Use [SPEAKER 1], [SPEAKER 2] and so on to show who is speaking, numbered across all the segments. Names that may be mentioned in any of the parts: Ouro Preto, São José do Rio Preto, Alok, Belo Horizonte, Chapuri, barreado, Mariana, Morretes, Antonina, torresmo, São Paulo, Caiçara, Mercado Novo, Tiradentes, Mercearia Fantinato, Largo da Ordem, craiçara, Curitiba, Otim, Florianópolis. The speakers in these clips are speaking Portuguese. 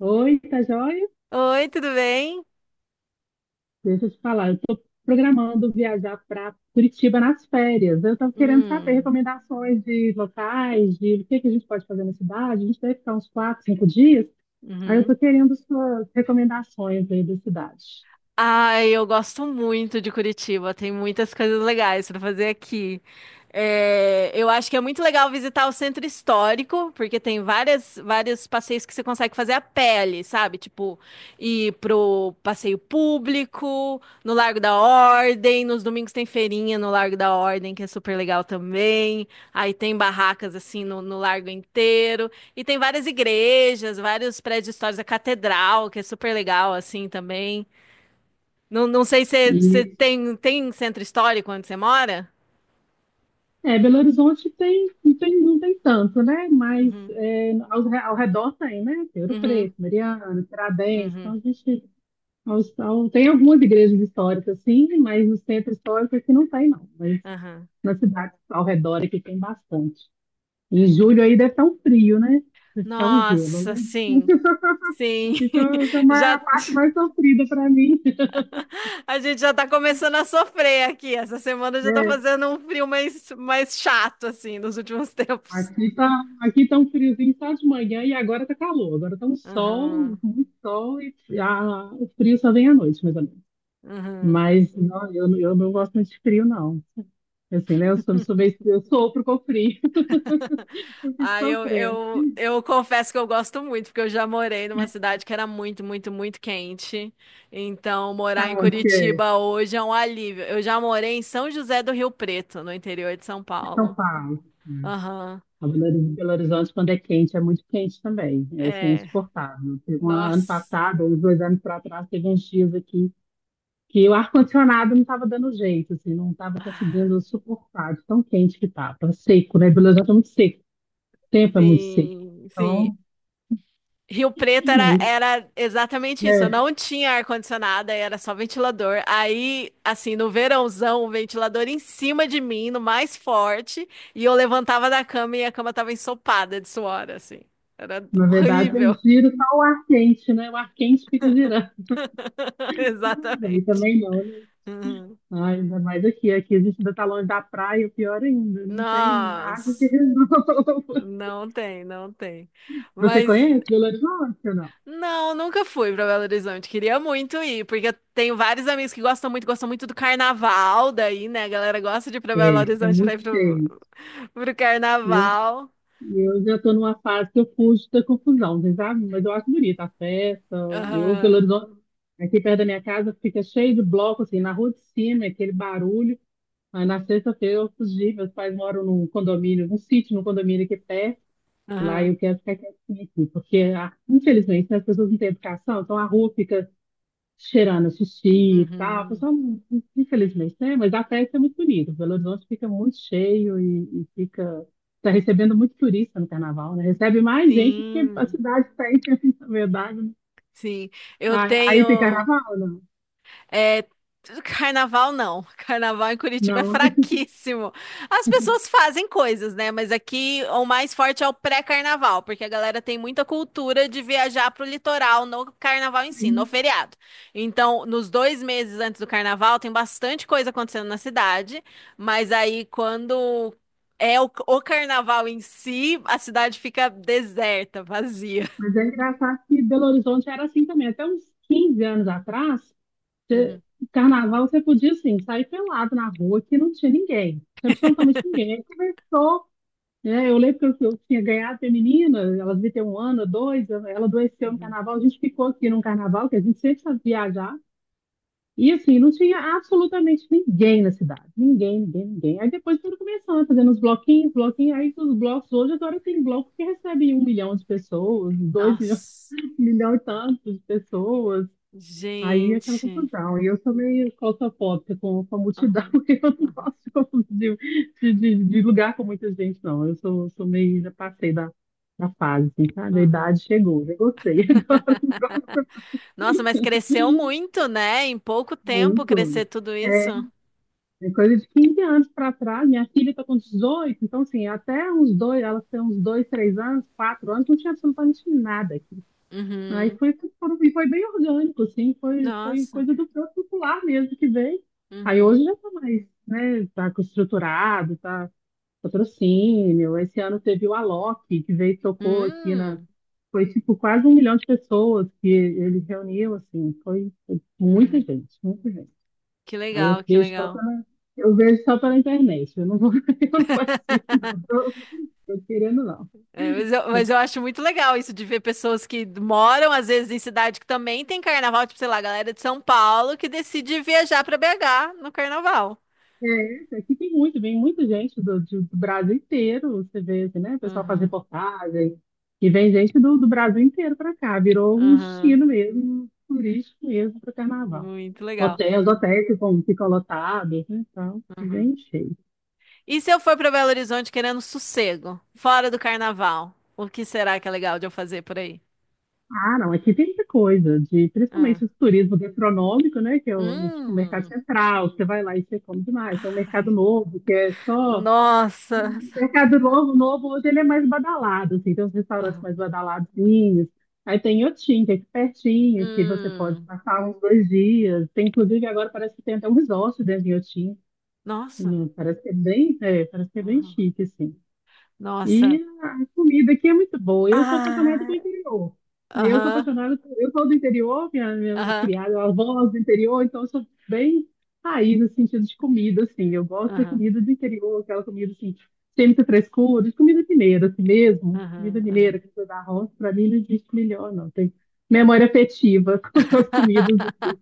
[SPEAKER 1] Oi, tá joia?
[SPEAKER 2] Oi, tudo bem?
[SPEAKER 1] Deixa eu te falar, eu estou programando viajar para Curitiba nas férias. Eu estou querendo saber
[SPEAKER 2] Hum,
[SPEAKER 1] recomendações de locais, de o que que a gente pode fazer na cidade. A gente deve ficar uns quatro, cinco dias. Aí eu
[SPEAKER 2] uhum.
[SPEAKER 1] estou querendo suas recomendações aí da cidade.
[SPEAKER 2] Ai, eu gosto muito de Curitiba. Tem muitas coisas legais para fazer aqui. É, eu acho que é muito legal visitar o centro histórico, porque tem vários passeios que você consegue fazer a pé ali, sabe? Tipo, ir pro passeio público, no Largo da Ordem. Nos domingos tem feirinha no Largo da Ordem, que é super legal também. Aí tem barracas assim no largo inteiro. E tem várias igrejas, vários prédios históricos, a catedral, que é super legal assim também. Não, não sei se
[SPEAKER 1] E,
[SPEAKER 2] você tem centro histórico onde você mora?
[SPEAKER 1] Belo Horizonte tem, não tem tanto, né? Mas
[SPEAKER 2] Uhum,
[SPEAKER 1] é, ao redor tem, né? Tem Ouro
[SPEAKER 2] uhum,
[SPEAKER 1] Preto, Mariana, Tiradentes. Então
[SPEAKER 2] uhum,
[SPEAKER 1] a gente tem algumas igrejas históricas, sim, mas no centro histórico aqui não tem, não.
[SPEAKER 2] aham,
[SPEAKER 1] Nas cidades ao redor aqui tem bastante. Em
[SPEAKER 2] uhum.
[SPEAKER 1] julho aí deve estar um frio, né? Deve estar um gelo, né?
[SPEAKER 2] Nossa, sim, sim.
[SPEAKER 1] Isso é
[SPEAKER 2] Já,
[SPEAKER 1] a parte mais sofrida para mim.
[SPEAKER 2] a gente já tá começando a sofrer aqui. Essa semana já tá
[SPEAKER 1] É,
[SPEAKER 2] fazendo um frio mais chato, assim, nos últimos tempos.
[SPEAKER 1] aqui tá, aqui tá um friozinho só de manhã e agora tá calor. Agora tá um sol,
[SPEAKER 2] Aham,
[SPEAKER 1] muito sol e o frio só vem à noite, mais ou menos.
[SPEAKER 2] uhum.
[SPEAKER 1] Mas não, eu não gosto muito de frio, não. Assim, né? Eu sou, sou meio, eu sofro com frio. Eu fico
[SPEAKER 2] Ah,
[SPEAKER 1] sofrendo.
[SPEAKER 2] eu confesso que eu gosto muito, porque eu já morei numa cidade que era muito, muito, muito quente. Então, morar
[SPEAKER 1] Tá
[SPEAKER 2] em
[SPEAKER 1] onde que é?
[SPEAKER 2] Curitiba hoje é um alívio. Eu já morei em São José do Rio Preto, no interior de São
[SPEAKER 1] É São
[SPEAKER 2] Paulo.
[SPEAKER 1] Paulo.
[SPEAKER 2] Aham.
[SPEAKER 1] A Belo Horizonte, quando é quente, é muito quente também. É assim, é
[SPEAKER 2] É.
[SPEAKER 1] insuportável. Teve um ano
[SPEAKER 2] Nossa.
[SPEAKER 1] passado, ou uns dois anos para trás, teve uns dias aqui que o ar-condicionado não estava dando jeito, assim, não estava conseguindo suportar de tão quente que estava. Seco, né? Belo Horizonte é muito seco, o tempo é muito seco.
[SPEAKER 2] Sim, sim.
[SPEAKER 1] Então,
[SPEAKER 2] Rio Preto
[SPEAKER 1] mas,
[SPEAKER 2] era exatamente isso. Eu
[SPEAKER 1] é,
[SPEAKER 2] não tinha ar-condicionado, aí era só ventilador. Aí, assim, no verãozão, o ventilador em cima de mim, no mais forte, e eu levantava da cama e a cama tava ensopada de suor, assim. Era
[SPEAKER 1] na verdade, eu
[SPEAKER 2] horrível.
[SPEAKER 1] giro só o ar quente, né? O ar quente fica girando. Aí
[SPEAKER 2] Exatamente.
[SPEAKER 1] também não, né?
[SPEAKER 2] Uhum.
[SPEAKER 1] Ah, ainda mais aqui. Aqui a gente ainda está longe da praia, o pior ainda. Não tem água que
[SPEAKER 2] Nossa,
[SPEAKER 1] resolva.
[SPEAKER 2] não tem, não tem.
[SPEAKER 1] Você
[SPEAKER 2] Mas
[SPEAKER 1] conhece Belo Horizonte ou não?
[SPEAKER 2] não, nunca fui pra Belo Horizonte. Queria muito ir, porque eu tenho vários amigos que gostam muito do carnaval daí, né? A galera gosta de ir pra Belo
[SPEAKER 1] É, é
[SPEAKER 2] Horizonte pra
[SPEAKER 1] muito
[SPEAKER 2] ir pro,
[SPEAKER 1] cheio.
[SPEAKER 2] pro
[SPEAKER 1] Eu,
[SPEAKER 2] carnaval.
[SPEAKER 1] eu já estou numa fase que eu fujo da confusão, vocês sabem? Mas eu acho bonita a festa. Eu, Belo
[SPEAKER 2] Aham,
[SPEAKER 1] Horizonte, aqui perto da minha casa, fica cheio de bloco, assim, na rua de cima, aquele barulho. Mas na sexta-feira eu fugi, meus pais moram num condomínio, num sítio, num condomínio aqui perto. Lá
[SPEAKER 2] aham.
[SPEAKER 1] eu quero ficar quietinha aqui, porque, ah, infelizmente, né, as pessoas não têm educação, então a rua fica cheirando a xixi e tal.
[SPEAKER 2] Uhum.
[SPEAKER 1] Pessoal, infelizmente, né? Mas a festa é muito bonita. Belo Horizonte fica muito cheio e fica. está recebendo muito turista no carnaval, né? Recebe mais gente do que a
[SPEAKER 2] Sim,
[SPEAKER 1] cidade tem, na verdade, né?
[SPEAKER 2] sim. Eu
[SPEAKER 1] Aí, tem
[SPEAKER 2] tenho.
[SPEAKER 1] carnaval, não?
[SPEAKER 2] É, carnaval não. Carnaval em Curitiba é
[SPEAKER 1] Não, não é
[SPEAKER 2] fraquíssimo. As pessoas fazem coisas, né? Mas aqui o mais forte é o pré-carnaval, porque a galera tem muita cultura de viajar pro litoral no carnaval em si, no
[SPEAKER 1] assim.
[SPEAKER 2] feriado. Então, nos 2 meses antes do carnaval, tem bastante coisa acontecendo na cidade, mas aí quando é o carnaval em si, a cidade fica deserta, vazia.
[SPEAKER 1] Mas é engraçado que Belo Horizonte era assim também. Até uns 15 anos atrás, você-
[SPEAKER 2] Uhum,
[SPEAKER 1] carnaval você podia, assim, sair pelado na rua que não tinha ninguém. Tinha absolutamente ninguém. Aí começou. É, eu lembro que eu tinha ganhado a menina, ela devia ter um ano, dois, ela adoeceu no
[SPEAKER 2] uhum.
[SPEAKER 1] carnaval, a gente ficou aqui num carnaval, que a gente sempre sabe viajar, e assim, não tinha absolutamente ninguém na cidade, ninguém, ninguém, ninguém. Aí depois foram começando, fazendo uns bloquinhos, bloquinhos, aí os blocos, hoje agora tem bloco que recebe um milhão de pessoas, dois milhões,
[SPEAKER 2] Nossa,
[SPEAKER 1] um milhão e tantos de pessoas. Aí é aquela
[SPEAKER 2] gente.
[SPEAKER 1] confusão. E eu sou meio claustrofóbica com a multidão,
[SPEAKER 2] Aham.
[SPEAKER 1] eu não gosto de lugar com muita gente, não. Eu sou, sou meio, já passei da fase, assim, sabe? A
[SPEAKER 2] Uhum.
[SPEAKER 1] idade chegou, já gostei agora
[SPEAKER 2] Nossa, mas cresceu muito, né? Em pouco tempo
[SPEAKER 1] muito.
[SPEAKER 2] crescer tudo
[SPEAKER 1] É,
[SPEAKER 2] isso.
[SPEAKER 1] é coisa de 15 anos para trás. Minha filha está com 18, então, assim, até uns dois, ela tem uns dois, três anos, quatro anos, não tinha absolutamente nada. Aí
[SPEAKER 2] Uhum.
[SPEAKER 1] foi, tudo- e foi bem orgânico, assim, foi, foi
[SPEAKER 2] Nossa.
[SPEAKER 1] coisa do próprio popular mesmo que veio. Aí hoje
[SPEAKER 2] Uhum.
[SPEAKER 1] já está mais, né, tá com estruturado, tá patrocínio. Esse ano teve o Alok, que veio e tocou aqui na,
[SPEAKER 2] Hum.
[SPEAKER 1] foi tipo quase um milhão de pessoas que ele reuniu, assim, foi, foi muita
[SPEAKER 2] Uhum.
[SPEAKER 1] gente, muita gente.
[SPEAKER 2] Que
[SPEAKER 1] Aí eu
[SPEAKER 2] legal, que
[SPEAKER 1] vejo só
[SPEAKER 2] legal.
[SPEAKER 1] pela, eu vejo só pela internet, eu não vou, eu não participo, não, tô querendo não.
[SPEAKER 2] É, mas eu acho muito legal isso de ver pessoas que moram, às vezes, em cidade que também tem carnaval, tipo, sei lá, a galera de São Paulo que decide viajar para BH no carnaval.
[SPEAKER 1] É, aqui tem muito, vem muita gente do Brasil inteiro, você vê, assim, né? O pessoal faz
[SPEAKER 2] Uhum.
[SPEAKER 1] reportagem, e vem gente do Brasil inteiro para cá, virou um
[SPEAKER 2] Uhum.
[SPEAKER 1] destino mesmo, turístico mesmo para o carnaval.
[SPEAKER 2] Muito legal.
[SPEAKER 1] Hotéis, ficam lotados, né? Então,
[SPEAKER 2] Uhum.
[SPEAKER 1] bem cheio.
[SPEAKER 2] E se eu for para Belo Horizonte querendo sossego, fora do carnaval, o que será que é legal de eu fazer por aí?
[SPEAKER 1] Ah, não, aqui tem muita coisa, de,
[SPEAKER 2] Hum.
[SPEAKER 1] principalmente o turismo gastronômico, né? Que é o, tipo, o mercado
[SPEAKER 2] Hum.
[SPEAKER 1] central, você vai lá e você come demais. Tem um
[SPEAKER 2] Ai,
[SPEAKER 1] mercado novo, que é só
[SPEAKER 2] nossa.
[SPEAKER 1] o Mercado Novo, novo, hoje ele é mais badalado, assim, tem uns restaurantes
[SPEAKER 2] Aham.
[SPEAKER 1] mais badaladinhos. Aí tem Otim, que é aqui pertinho, que você pode
[SPEAKER 2] Hum.
[SPEAKER 1] passar uns dois dias. Tem, inclusive, agora parece que tem até um resort dentro de Otim.
[SPEAKER 2] Nossa.
[SPEAKER 1] Parece que é bem, é, parece que é bem
[SPEAKER 2] Aham.
[SPEAKER 1] chique, assim. E
[SPEAKER 2] Nossa.
[SPEAKER 1] a comida aqui é muito boa. Eu sou apaixonada com
[SPEAKER 2] Ai,
[SPEAKER 1] o interior. Eu sou
[SPEAKER 2] aham.
[SPEAKER 1] apaixonada, eu sou do interior, minha
[SPEAKER 2] Aham.
[SPEAKER 1] criada, minha avó é do interior, então eu sou bem raiz no sentido de comida, assim. Eu gosto da
[SPEAKER 2] Aham.
[SPEAKER 1] comida do interior, aquela comida assim, sem muita frescura, de comida mineira, assim mesmo. Comida
[SPEAKER 2] Aham. Aham.
[SPEAKER 1] mineira, que da roça, para mim não existe melhor, não. Tem memória afetiva com as comidas aqui.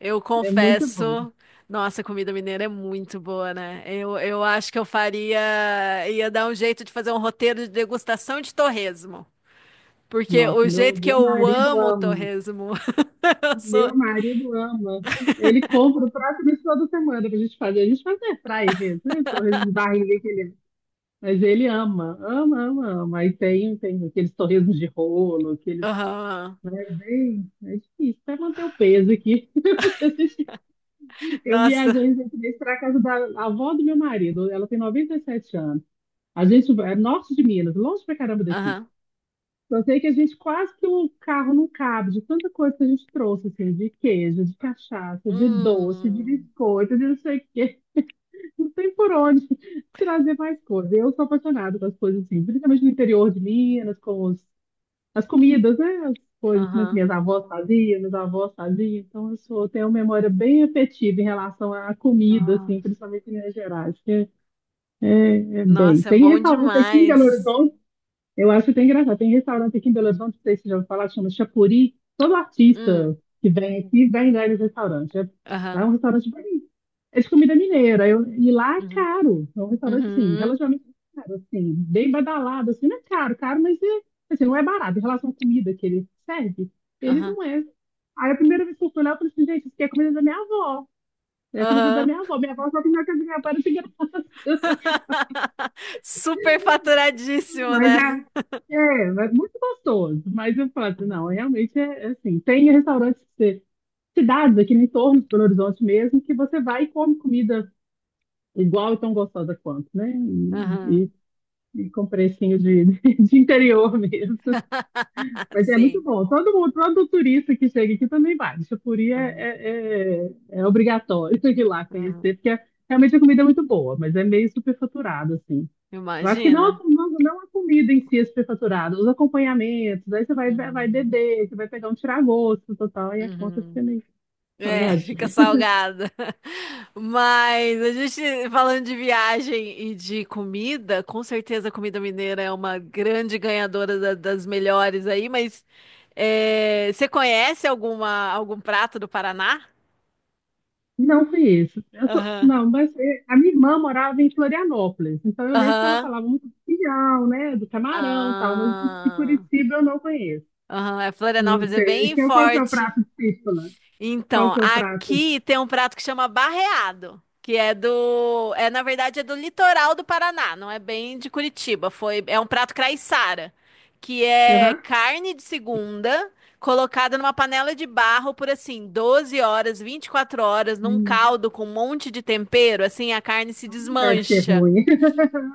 [SPEAKER 2] Eu
[SPEAKER 1] É muito bom.
[SPEAKER 2] confesso, nossa, a comida mineira é muito boa, né? Eu acho que eu faria, ia dar um jeito de fazer um roteiro de degustação de torresmo. Porque
[SPEAKER 1] Nossa,
[SPEAKER 2] o jeito que
[SPEAKER 1] meu
[SPEAKER 2] eu
[SPEAKER 1] marido
[SPEAKER 2] amo o
[SPEAKER 1] ama.
[SPEAKER 2] torresmo, eu sou.
[SPEAKER 1] Meu marido ama. Ele compra o prato desse toda semana pra gente fazer. A gente faz air fry mesmo, né? Torresmo de barriga que ele... Mas ele ama, ama, ama, ama. Aí tem, tem aqueles torresmos de rolo, aqueles...
[SPEAKER 2] Aham.
[SPEAKER 1] é difícil até manter o peso aqui. Porque a gente- eu
[SPEAKER 2] Nossa.
[SPEAKER 1] viajei recentemente para casa da avó do meu marido. Ela tem 97 anos. A gente vai é norte de Minas, longe pra caramba daqui. Eu sei que a gente quase que o carro não cabe, de tanta coisa que a gente trouxe, assim, de queijo, de cachaça, de doce, de
[SPEAKER 2] Hum,
[SPEAKER 1] biscoito, de não sei o quê. Não tem por onde trazer mais coisa. Eu sou apaixonada pelas coisas assim, principalmente no interior de Minas, as comidas, né? As coisas que
[SPEAKER 2] aham.
[SPEAKER 1] minhas avós faziam, meus avós faziam. Então, eu sou, tenho uma memória bem afetiva em relação à comida, assim,
[SPEAKER 2] Nossa.
[SPEAKER 1] principalmente em Minas Gerais, que é bem.
[SPEAKER 2] Nossa, é
[SPEAKER 1] Tem
[SPEAKER 2] bom
[SPEAKER 1] restaurante aqui em Belo
[SPEAKER 2] demais.
[SPEAKER 1] Horizonte. Eu acho até engraçado. Tem restaurante aqui em Belo Horizonte, não sei se você já ouviu falar, chama Chapuri. Todo artista
[SPEAKER 2] Hum,
[SPEAKER 1] que vem aqui vem lá nesse restaurante. É, é
[SPEAKER 2] aham.
[SPEAKER 1] um restaurante bonito. É de comida mineira. E lá é
[SPEAKER 2] Uhum.
[SPEAKER 1] caro. É um restaurante, assim,
[SPEAKER 2] Uhum.
[SPEAKER 1] relativamente caro, assim, bem badalado, assim, não é caro, caro, mas é, assim, não é barato. Em relação à comida que ele serve, ele
[SPEAKER 2] Aham.
[SPEAKER 1] não é. Aí a primeira vez que eu fui lá, eu falei assim, gente, isso aqui é comida da minha avó. É comida da
[SPEAKER 2] Aham.
[SPEAKER 1] minha avó. Minha avó só comeu a comida da minha avó, era de graça.
[SPEAKER 2] Super faturadíssimo,
[SPEAKER 1] Mas
[SPEAKER 2] né?
[SPEAKER 1] é, é, é muito gostoso. Mas eu falo assim, não,
[SPEAKER 2] Uhum.
[SPEAKER 1] realmente é assim. Tem restaurantes cidades aqui no entorno de Belo Horizonte mesmo, que você vai e come comida igual e tão gostosa quanto, né? E,
[SPEAKER 2] Aham.
[SPEAKER 1] e, e com precinho de, de interior mesmo. Mas é muito
[SPEAKER 2] Sim.
[SPEAKER 1] bom. Todo mundo, todo turista que chega aqui também vai. Xapuri
[SPEAKER 2] Uhum.
[SPEAKER 1] é obrigatório ir lá conhecer,
[SPEAKER 2] Uhum.
[SPEAKER 1] porque realmente a comida é muito boa, mas é meio superfaturada, assim. Eu acho que não,
[SPEAKER 2] Imagina.
[SPEAKER 1] não a comida em si é superfaturada, os acompanhamentos, aí você vai, vai
[SPEAKER 2] Uhum.
[SPEAKER 1] beber, você vai pegar um tiragosto total, aí a conta
[SPEAKER 2] Uhum.
[SPEAKER 1] fica meio
[SPEAKER 2] É,
[SPEAKER 1] salgadinha.
[SPEAKER 2] fica salgada. Mas a gente falando de viagem e de comida, com certeza a comida mineira é uma grande ganhadora da- das melhores aí, mas é, você conhece alguma, algum prato do Paraná?
[SPEAKER 1] Não foi isso.
[SPEAKER 2] Aham.
[SPEAKER 1] Não, mas é, a minha irmã morava em Florianópolis, então eu lembro que ela
[SPEAKER 2] Aham.
[SPEAKER 1] falava muito do pinhão, né, do camarão e tal, mas de
[SPEAKER 2] Ah,
[SPEAKER 1] Curitiba eu não conheço.
[SPEAKER 2] aham. É,
[SPEAKER 1] Não
[SPEAKER 2] Florianópolis é
[SPEAKER 1] sei.
[SPEAKER 2] bem
[SPEAKER 1] Então, qual que é o
[SPEAKER 2] forte.
[SPEAKER 1] prato de lá? Qual
[SPEAKER 2] Então,
[SPEAKER 1] que é o prato?
[SPEAKER 2] aqui tem um prato que chama barreado, que é do, é na verdade é do litoral do Paraná, não é bem de Curitiba. É um prato craiçara, que é
[SPEAKER 1] Aham.
[SPEAKER 2] carne de segunda colocada numa panela de barro por assim 12 horas, 24 horas num
[SPEAKER 1] Hum,
[SPEAKER 2] caldo com um monte de tempero, assim a carne se
[SPEAKER 1] não deve ser
[SPEAKER 2] desmancha.
[SPEAKER 1] ruim.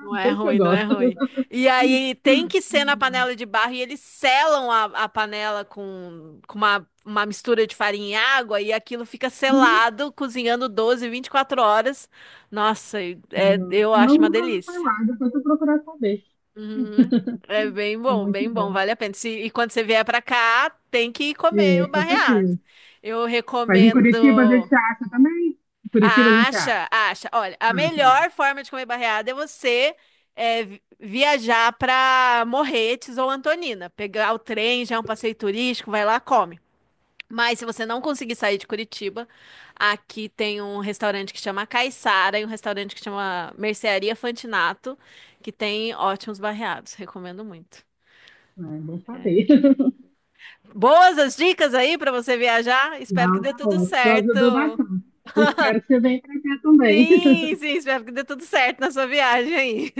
[SPEAKER 2] Não é
[SPEAKER 1] Deixa eu
[SPEAKER 2] ruim, não é
[SPEAKER 1] gosto.
[SPEAKER 2] ruim. E aí tem que ser na
[SPEAKER 1] Hum.
[SPEAKER 2] panela de barro e eles selam a panela com uma mistura de farinha e água e aquilo fica
[SPEAKER 1] Uhum.
[SPEAKER 2] selado, cozinhando 12, 24 horas. Nossa, e- é,
[SPEAKER 1] Eu
[SPEAKER 2] eu
[SPEAKER 1] não
[SPEAKER 2] acho uma
[SPEAKER 1] nunca ouvi
[SPEAKER 2] delícia.
[SPEAKER 1] falar, depois eu procurar saber.
[SPEAKER 2] Uhum. É
[SPEAKER 1] É muito
[SPEAKER 2] bem bom,
[SPEAKER 1] bom.
[SPEAKER 2] vale a pena. Se- e quando você vier pra cá, tem que comer
[SPEAKER 1] É,
[SPEAKER 2] o
[SPEAKER 1] com
[SPEAKER 2] barreado.
[SPEAKER 1] certeza.
[SPEAKER 2] Eu
[SPEAKER 1] Mas em Curitiba a
[SPEAKER 2] recomendo.
[SPEAKER 1] gente acha também? Em Curitiba a gente acha.
[SPEAKER 2] Acha, acha. Olha, a
[SPEAKER 1] Ah, tá.
[SPEAKER 2] melhor forma de comer barreada é você é, vi- viajar para Morretes ou Antonina. Pegar o trem, já é um passeio turístico, vai lá, come. Mas se você não conseguir sair de Curitiba, aqui tem um restaurante que chama Caiçara e um restaurante que chama Mercearia Fantinato, que tem ótimos barreados. Recomendo muito.
[SPEAKER 1] É é bom saber.
[SPEAKER 2] Boas as dicas aí para você viajar. Espero que
[SPEAKER 1] Não,
[SPEAKER 2] dê
[SPEAKER 1] tá
[SPEAKER 2] tudo
[SPEAKER 1] ótimo. Tu
[SPEAKER 2] certo.
[SPEAKER 1] ajudou bastante. Espero que você venha para cá também.
[SPEAKER 2] Sim, sim, espero que dê tudo certo na sua viagem aí.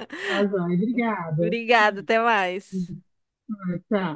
[SPEAKER 1] Tá, joia. Obrigada.
[SPEAKER 2] Obrigada, até mais.
[SPEAKER 1] Ah, tá.